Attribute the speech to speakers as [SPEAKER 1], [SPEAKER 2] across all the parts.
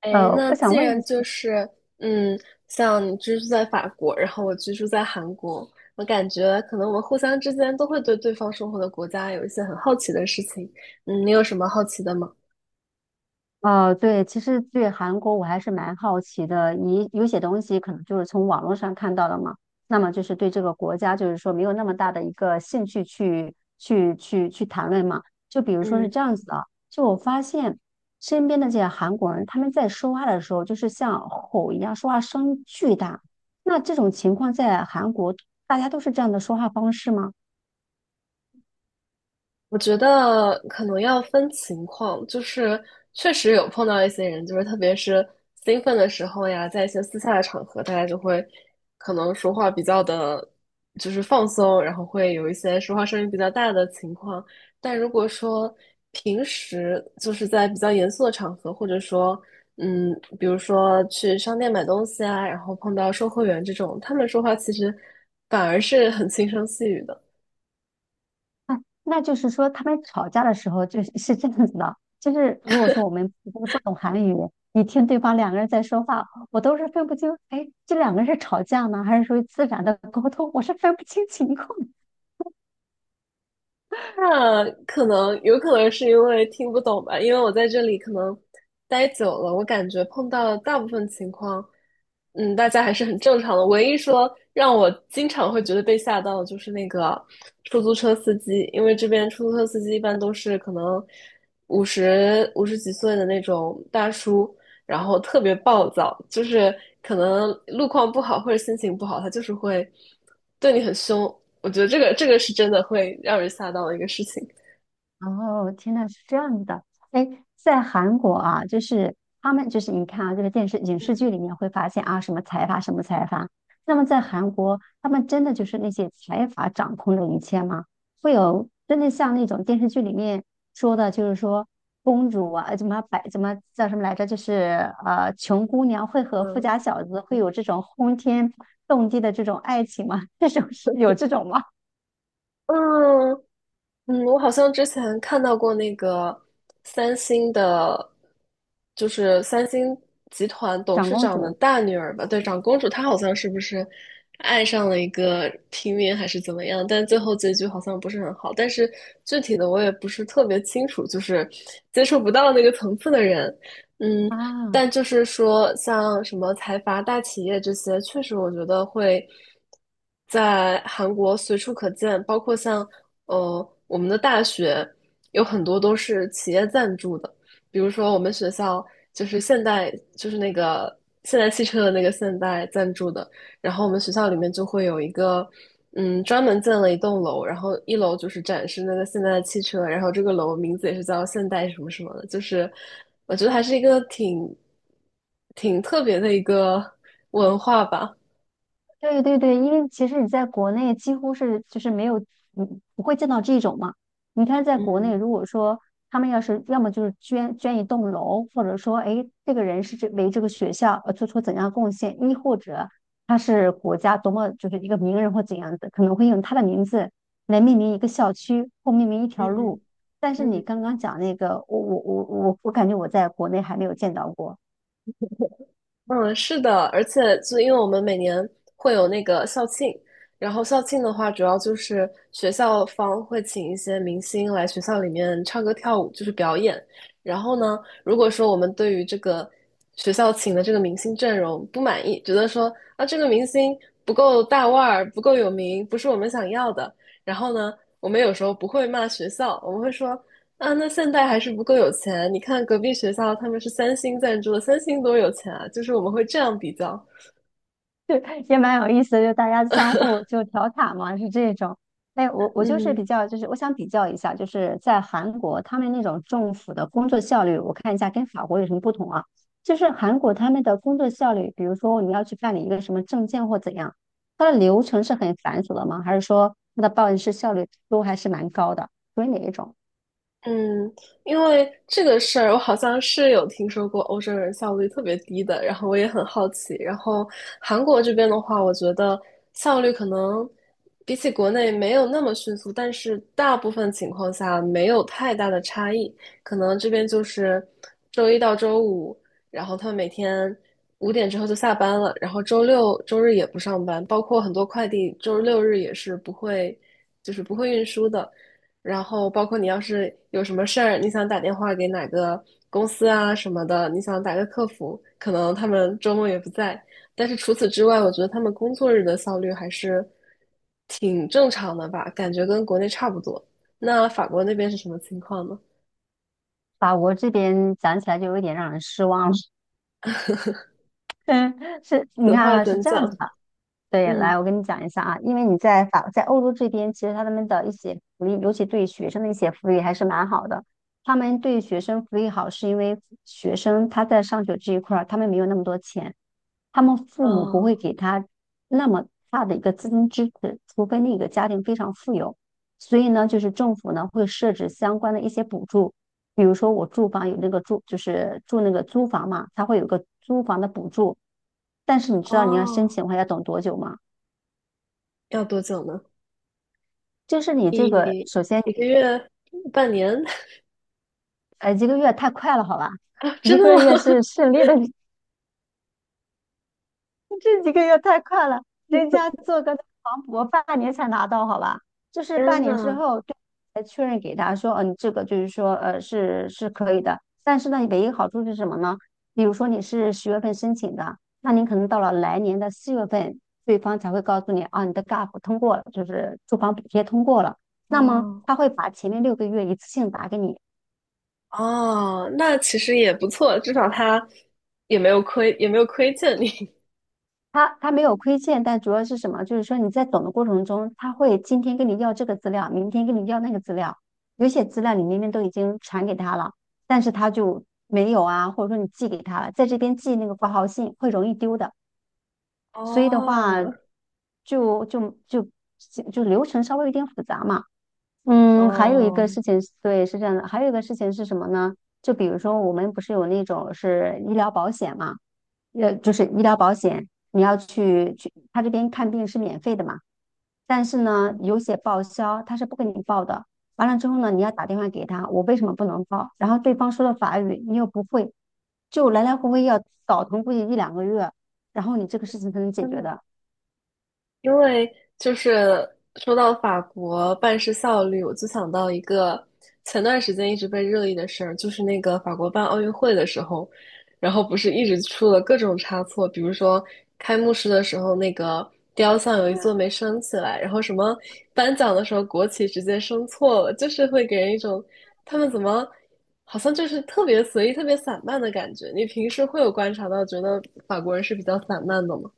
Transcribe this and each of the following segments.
[SPEAKER 1] 哎，那
[SPEAKER 2] 我想
[SPEAKER 1] 既
[SPEAKER 2] 问一
[SPEAKER 1] 然
[SPEAKER 2] 下，
[SPEAKER 1] 就是，嗯，像你居住在法国，然后我居住在韩国，我感觉可能我们互相之间都会对对方生活的国家有一些很好奇的事情。嗯，你有什么好奇的吗？
[SPEAKER 2] 对，其实对韩国我还是蛮好奇的。你有些东西可能就是从网络上看到的嘛，那么就是对这个国家就是说没有那么大的一个兴趣去谈论嘛。就比如说是
[SPEAKER 1] 嗯。
[SPEAKER 2] 这样子的，就我发现身边的这些韩国人，他们在说话的时候就是像吼一样，说话声巨大。那这种情况在韩国，大家都是这样的说话方式吗？
[SPEAKER 1] 我觉得可能要分情况，确实有碰到一些人，就是特别是兴奋的时候呀，在一些私下的场合，大家就会可能说话比较的，就是放松，然后会有一些说话声音比较大的情况。但如果说平时就是在比较严肃的场合，或者说嗯，比如说去商店买东西啊，然后碰到售货员这种，他们说话其实反而是很轻声细语的。
[SPEAKER 2] 啊，那就是说他们吵架的时候就是是这样子的，就是如果说我们不懂韩语，你听对方两个人在说话，我都是分不清，哎，这两个人是吵架呢，还是属于自然的沟通，我是分不清情况。
[SPEAKER 1] 那可能有可能是因为听不懂吧，因为我在这里可能待久了，我感觉碰到的大部分情况，嗯，大家还是很正常的。唯一说让我经常会觉得被吓到的，就是那个出租车司机，因为这边出租车司机一般都是可能五十几岁的那种大叔，然后特别暴躁，就是可能路况不好或者心情不好，他就是会对你很凶。我觉得这个是真的会让人吓到的一个事情。
[SPEAKER 2] 哦，天呐，是这样的。哎，在韩国啊，就是他们就是你看啊，这个电视影视剧里面会发现啊，什么财阀，什么财阀。那么在韩国，他们真的就是那些财阀掌控着一切吗？会有真的像那种电视剧里面说的，就是说公主啊，怎么叫什么来着？就是穷姑娘会和富
[SPEAKER 1] 嗯。
[SPEAKER 2] 家小子会有这种轰天动地的这种爱情吗？这种有这种吗？
[SPEAKER 1] 嗯我好像之前看到过那个三星的，就是三星集团董
[SPEAKER 2] 长
[SPEAKER 1] 事
[SPEAKER 2] 公
[SPEAKER 1] 长的
[SPEAKER 2] 主
[SPEAKER 1] 大女儿吧，对，长公主，她好像是不是爱上了一个平民还是怎么样？但最后结局好像不是很好。但是具体的我也不是特别清楚，就是接触不到那个层次的人。嗯，
[SPEAKER 2] 啊。
[SPEAKER 1] 但就是说，像什么财阀大企业这些，确实我觉得会在韩国随处可见，包括像我们的大学有很多都是企业赞助的，比如说我们学校就是现代就是那个现代汽车的那个现代赞助的，然后我们学校里面就会有一个，嗯，专门建了一栋楼，然后一楼就是展示那个现代的汽车，然后这个楼名字也是叫现代什么什么的，就是我觉得还是一个挺特别的一个文化吧。
[SPEAKER 2] 对对对，因为其实你在国内几乎是就是没有，嗯，不会见到这种嘛。你看，在国内，
[SPEAKER 1] 嗯
[SPEAKER 2] 如果说他们要是要么就是捐一栋楼，或者说，哎，这个人是这为这个学校做出怎样贡献，亦或者他是国家多么就是一个名人或怎样的，可能会用他的名字来命名一个校区或命名一条
[SPEAKER 1] 嗯。
[SPEAKER 2] 路。但是你
[SPEAKER 1] 嗯。
[SPEAKER 2] 刚刚讲那个，我感觉我在国内还没有见到过。
[SPEAKER 1] 嗯，是的，而且就因为我们每年会有那个校庆，然后校庆的话，主要就是学校方会请一些明星来学校里面唱歌跳舞，就是表演。然后呢，如果说我们对于这个学校请的这个明星阵容不满意，觉得说啊这个明星不够大腕儿，不够有名，不是我们想要的，然后呢，我们有时候不会骂学校，我们会说啊，那现在还是不够有钱。你看隔壁学校，他们是三星赞助的，三星多有钱啊！就是我们会这样比较。
[SPEAKER 2] 对，也蛮有意思的，就大家相互就调侃嘛，是这种。哎，我就是
[SPEAKER 1] 嗯。
[SPEAKER 2] 比较，就是我想比较一下，就是在韩国他们那种政府的工作效率，我看一下跟法国有什么不同啊？就是韩国他们的工作效率，比如说你要去办理一个什么证件或怎样，它的流程是很繁琐的吗？还是说它的办事效率都还是蛮高的？属于哪一种？
[SPEAKER 1] 嗯，因为这个事儿，我好像是有听说过欧洲人效率特别低的，然后我也很好奇。然后韩国这边的话，我觉得效率可能比起国内没有那么迅速，但是大部分情况下没有太大的差异。可能这边就是周一到周五，然后他们每天五点之后就下班了，然后周六周日也不上班，包括很多快递周六日也是不会，就是不会运输的。然后包括你要是有什么事儿，你想打电话给哪个公司啊什么的，你想打个客服，可能他们周末也不在。但是除此之外，我觉得他们工作日的效率还是挺正常的吧，感觉跟国内差不多。那法国那边是什么情况呢？
[SPEAKER 2] 法国这边讲起来就有点让人失望了。嗯，是，你
[SPEAKER 1] 此
[SPEAKER 2] 看
[SPEAKER 1] 话
[SPEAKER 2] 啊，是
[SPEAKER 1] 怎
[SPEAKER 2] 这样
[SPEAKER 1] 讲？
[SPEAKER 2] 子的。对，来，
[SPEAKER 1] 嗯。
[SPEAKER 2] 我跟你讲一下啊，因为你在法在欧洲这边，其实他们的一些福利，尤其对学生的一些福利还是蛮好的。他们对学生福利好，是因为学生他在上学这一块儿，他们没有那么多钱，他们父母不会
[SPEAKER 1] 哦
[SPEAKER 2] 给他那么大的一个资金支持，除非那个家庭非常富有。所以呢，就是政府呢会设置相关的一些补助，比如说我住房有那个住，就是住那个租房嘛，它会有个租房的补助。但是你知道你要申
[SPEAKER 1] 哦，
[SPEAKER 2] 请的话要等多久吗？
[SPEAKER 1] 要多久呢？
[SPEAKER 2] 就是你这个，
[SPEAKER 1] 一
[SPEAKER 2] 首先，
[SPEAKER 1] 一个月、半年。
[SPEAKER 2] 一个月太快了，好吧？
[SPEAKER 1] 啊？真
[SPEAKER 2] 一
[SPEAKER 1] 的
[SPEAKER 2] 个
[SPEAKER 1] 吗？
[SPEAKER 2] 月是 顺利的，这几个月太快了，人家做个房补，半年才拿到，好吧？就是
[SPEAKER 1] 天
[SPEAKER 2] 半年之
[SPEAKER 1] 呐。
[SPEAKER 2] 后对才确认给他说，嗯、你这个就是说，是是可以的。但是呢，唯一好处是什么呢？比如说你是10月份申请的，那你可能到了来年的4月份，对方才会告诉你，啊，你的 GAP 通过了，就是住房补贴通过了。那么
[SPEAKER 1] 哦。
[SPEAKER 2] 他会把前面6个月一次性打给你。
[SPEAKER 1] 哦，那其实也不错，至少他也没有亏欠你。
[SPEAKER 2] 他他没有亏欠，但主要是什么？就是说你在等的过程中，他会今天跟你要这个资料，明天跟你要那个资料，有些资料你明明都已经传给他了，但是他就没有啊，或者说你寄给他了，在这边寄那个挂号信会容易丢的，所以的话
[SPEAKER 1] 哦。
[SPEAKER 2] 就就就就流程稍微有点复杂嘛。嗯，还有一个
[SPEAKER 1] 哦。
[SPEAKER 2] 事情是对，是这样的，还有一个事情是什么呢？就比如说我们不是有那种是医疗保险嘛？就是医疗保险，你要去，他这边看病是免费的嘛，但是呢，有些报销他是不给你报的。完了之后呢，你要打电话给他，我为什么不能报？然后对方说的法语你又不会，就来来回回要倒腾估计一两个月，然后你这个事情才能解
[SPEAKER 1] 真
[SPEAKER 2] 决
[SPEAKER 1] 的
[SPEAKER 2] 的。
[SPEAKER 1] 因为就是说到法国办事效率，我就想到一个前段时间一直被热议的事儿，就是那个法国办奥运会的时候，然后不是一直出了各种差错，比如说开幕式的时候那个雕像有一座没升起来，然后什么颁奖的时候国旗直接升错了，就是会给人一种他们怎么好像就是特别随意、特别散漫的感觉。你平时会有观察到，觉得法国人是比较散漫的吗？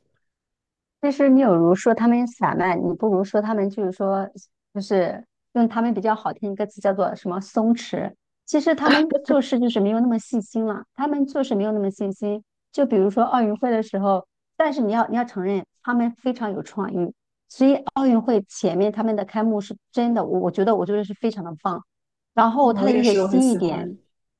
[SPEAKER 2] 其实你有如说他们散漫，你不如说他们就是说，就是用他们比较好听一个词叫做什么松弛。其实他们做事就是没有那么细心了，他们做事没有那么细心。就比如说奥运会的时候，但是你要承认他们非常有创意，所以奥运会前面他们的开幕是真的，我觉得是非常的棒。然
[SPEAKER 1] 嗯
[SPEAKER 2] 后他
[SPEAKER 1] 我
[SPEAKER 2] 的
[SPEAKER 1] 也
[SPEAKER 2] 一些
[SPEAKER 1] 是，我很
[SPEAKER 2] 新一
[SPEAKER 1] 喜
[SPEAKER 2] 点，
[SPEAKER 1] 欢。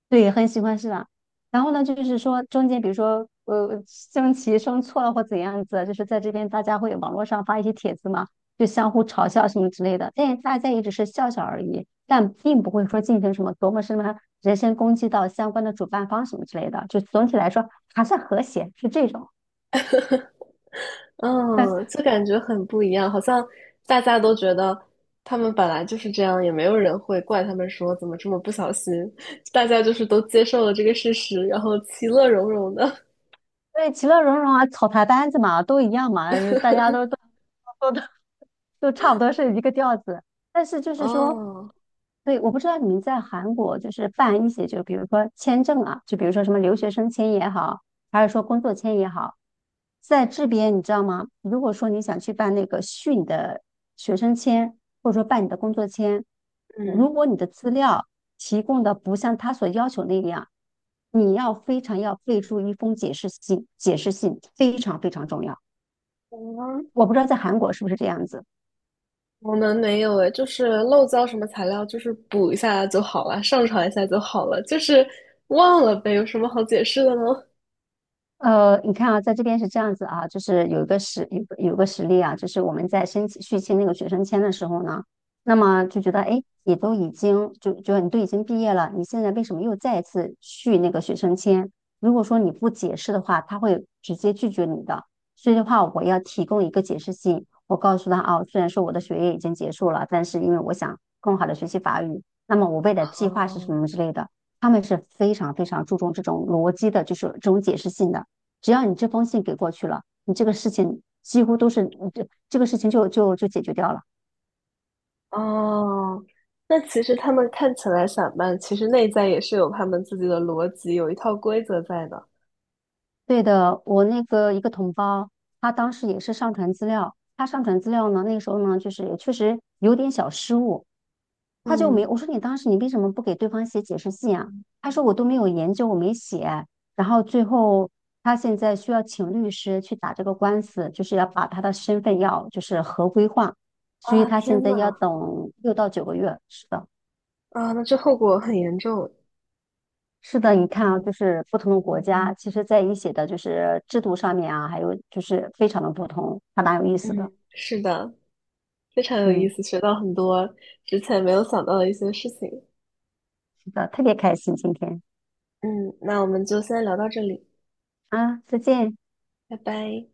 [SPEAKER 2] 对，很喜欢是吧？然后呢，就是说中间比如说升旗升错了或怎样子，就是在这边大家会网络上发一些帖子嘛，就相互嘲笑什么之类的，但是大家也只是笑笑而已，但并不会说进行什么多么什么人身攻击到相关的主办方什么之类的，就总体来说还算和谐，是这种。
[SPEAKER 1] 嗯，就感觉很不一样，好像大家都觉得他们本来就是这样，也没有人会怪他们说怎么这么不小心，大家就是都接受了这个事实，然后其乐融融的。
[SPEAKER 2] 对，其乐融融啊，草台班子嘛，都一样嘛，大 家都都都差不多是一个调子。但是就是说，
[SPEAKER 1] 哦。
[SPEAKER 2] 对，我不知道你们在韩国就是办一些，就比如说签证啊，就比如说什么留学生签也好，还是说工作签也好，在这边你知道吗？如果说你想去办那个续你的学生签，或者说办你的工作签，
[SPEAKER 1] 嗯，
[SPEAKER 2] 如果你的资料提供的不像他所要求那样，你要非常要备注一封解释信，解释信非常非常重要。
[SPEAKER 1] 我们
[SPEAKER 2] 我不知道在韩国是不是这样子。
[SPEAKER 1] 我们没有诶，就是漏交什么材料，就是补一下就好了，上传一下就好了，就是忘了呗，有什么好解释的呢？
[SPEAKER 2] 你看啊，在这边是这样子啊，就是有一个实有个有个实例啊，就是我们在申请续签那个学生签的时候呢，那么就觉得哎，诶你都已经你都已经毕业了，你现在为什么又再一次续那个学生签？如果说你不解释的话，他会直接拒绝你的。所以的话，我要提供一个解释信，我告诉他啊，虽然说我的学业已经结束了，但是因为我想更好的学习法语，那么我未来的计划是什
[SPEAKER 1] 哦。
[SPEAKER 2] 么之类的。他们是非常非常注重这种逻辑的，就是这种解释性的。只要你这封信给过去了，你这个事情几乎都是这个事情就解决掉了。
[SPEAKER 1] 哦，那其实他们看起来散漫，其实内在也是有他们自己的逻辑，有一套规则在的。
[SPEAKER 2] 对的，我那个一个同胞，他当时也是上传资料，他上传资料呢，那个时候呢，就是也确实有点小失误，他就没，
[SPEAKER 1] 嗯。
[SPEAKER 2] 我说你当时你为什么不给对方写解释信啊？他说我都没有研究，我没写。然后最后他现在需要请律师去打这个官司，就是要把他的身份要就是合规化，所以
[SPEAKER 1] 啊，
[SPEAKER 2] 他现
[SPEAKER 1] 天
[SPEAKER 2] 在要
[SPEAKER 1] 呐，
[SPEAKER 2] 等6到9个月，是的。
[SPEAKER 1] 啊，那这后果很严重。
[SPEAKER 2] 是的，你看啊，就是不同的国家，其实在一些的就是制度上面啊，还有就是非常的不同，还蛮有意思的。
[SPEAKER 1] 嗯，是的，非常有意
[SPEAKER 2] 嗯，
[SPEAKER 1] 思，学到很多之前没有想到的一些事情。
[SPEAKER 2] 是的，特别开心今天
[SPEAKER 1] 嗯，那我们就先聊到这里，
[SPEAKER 2] 啊，再见。
[SPEAKER 1] 拜拜。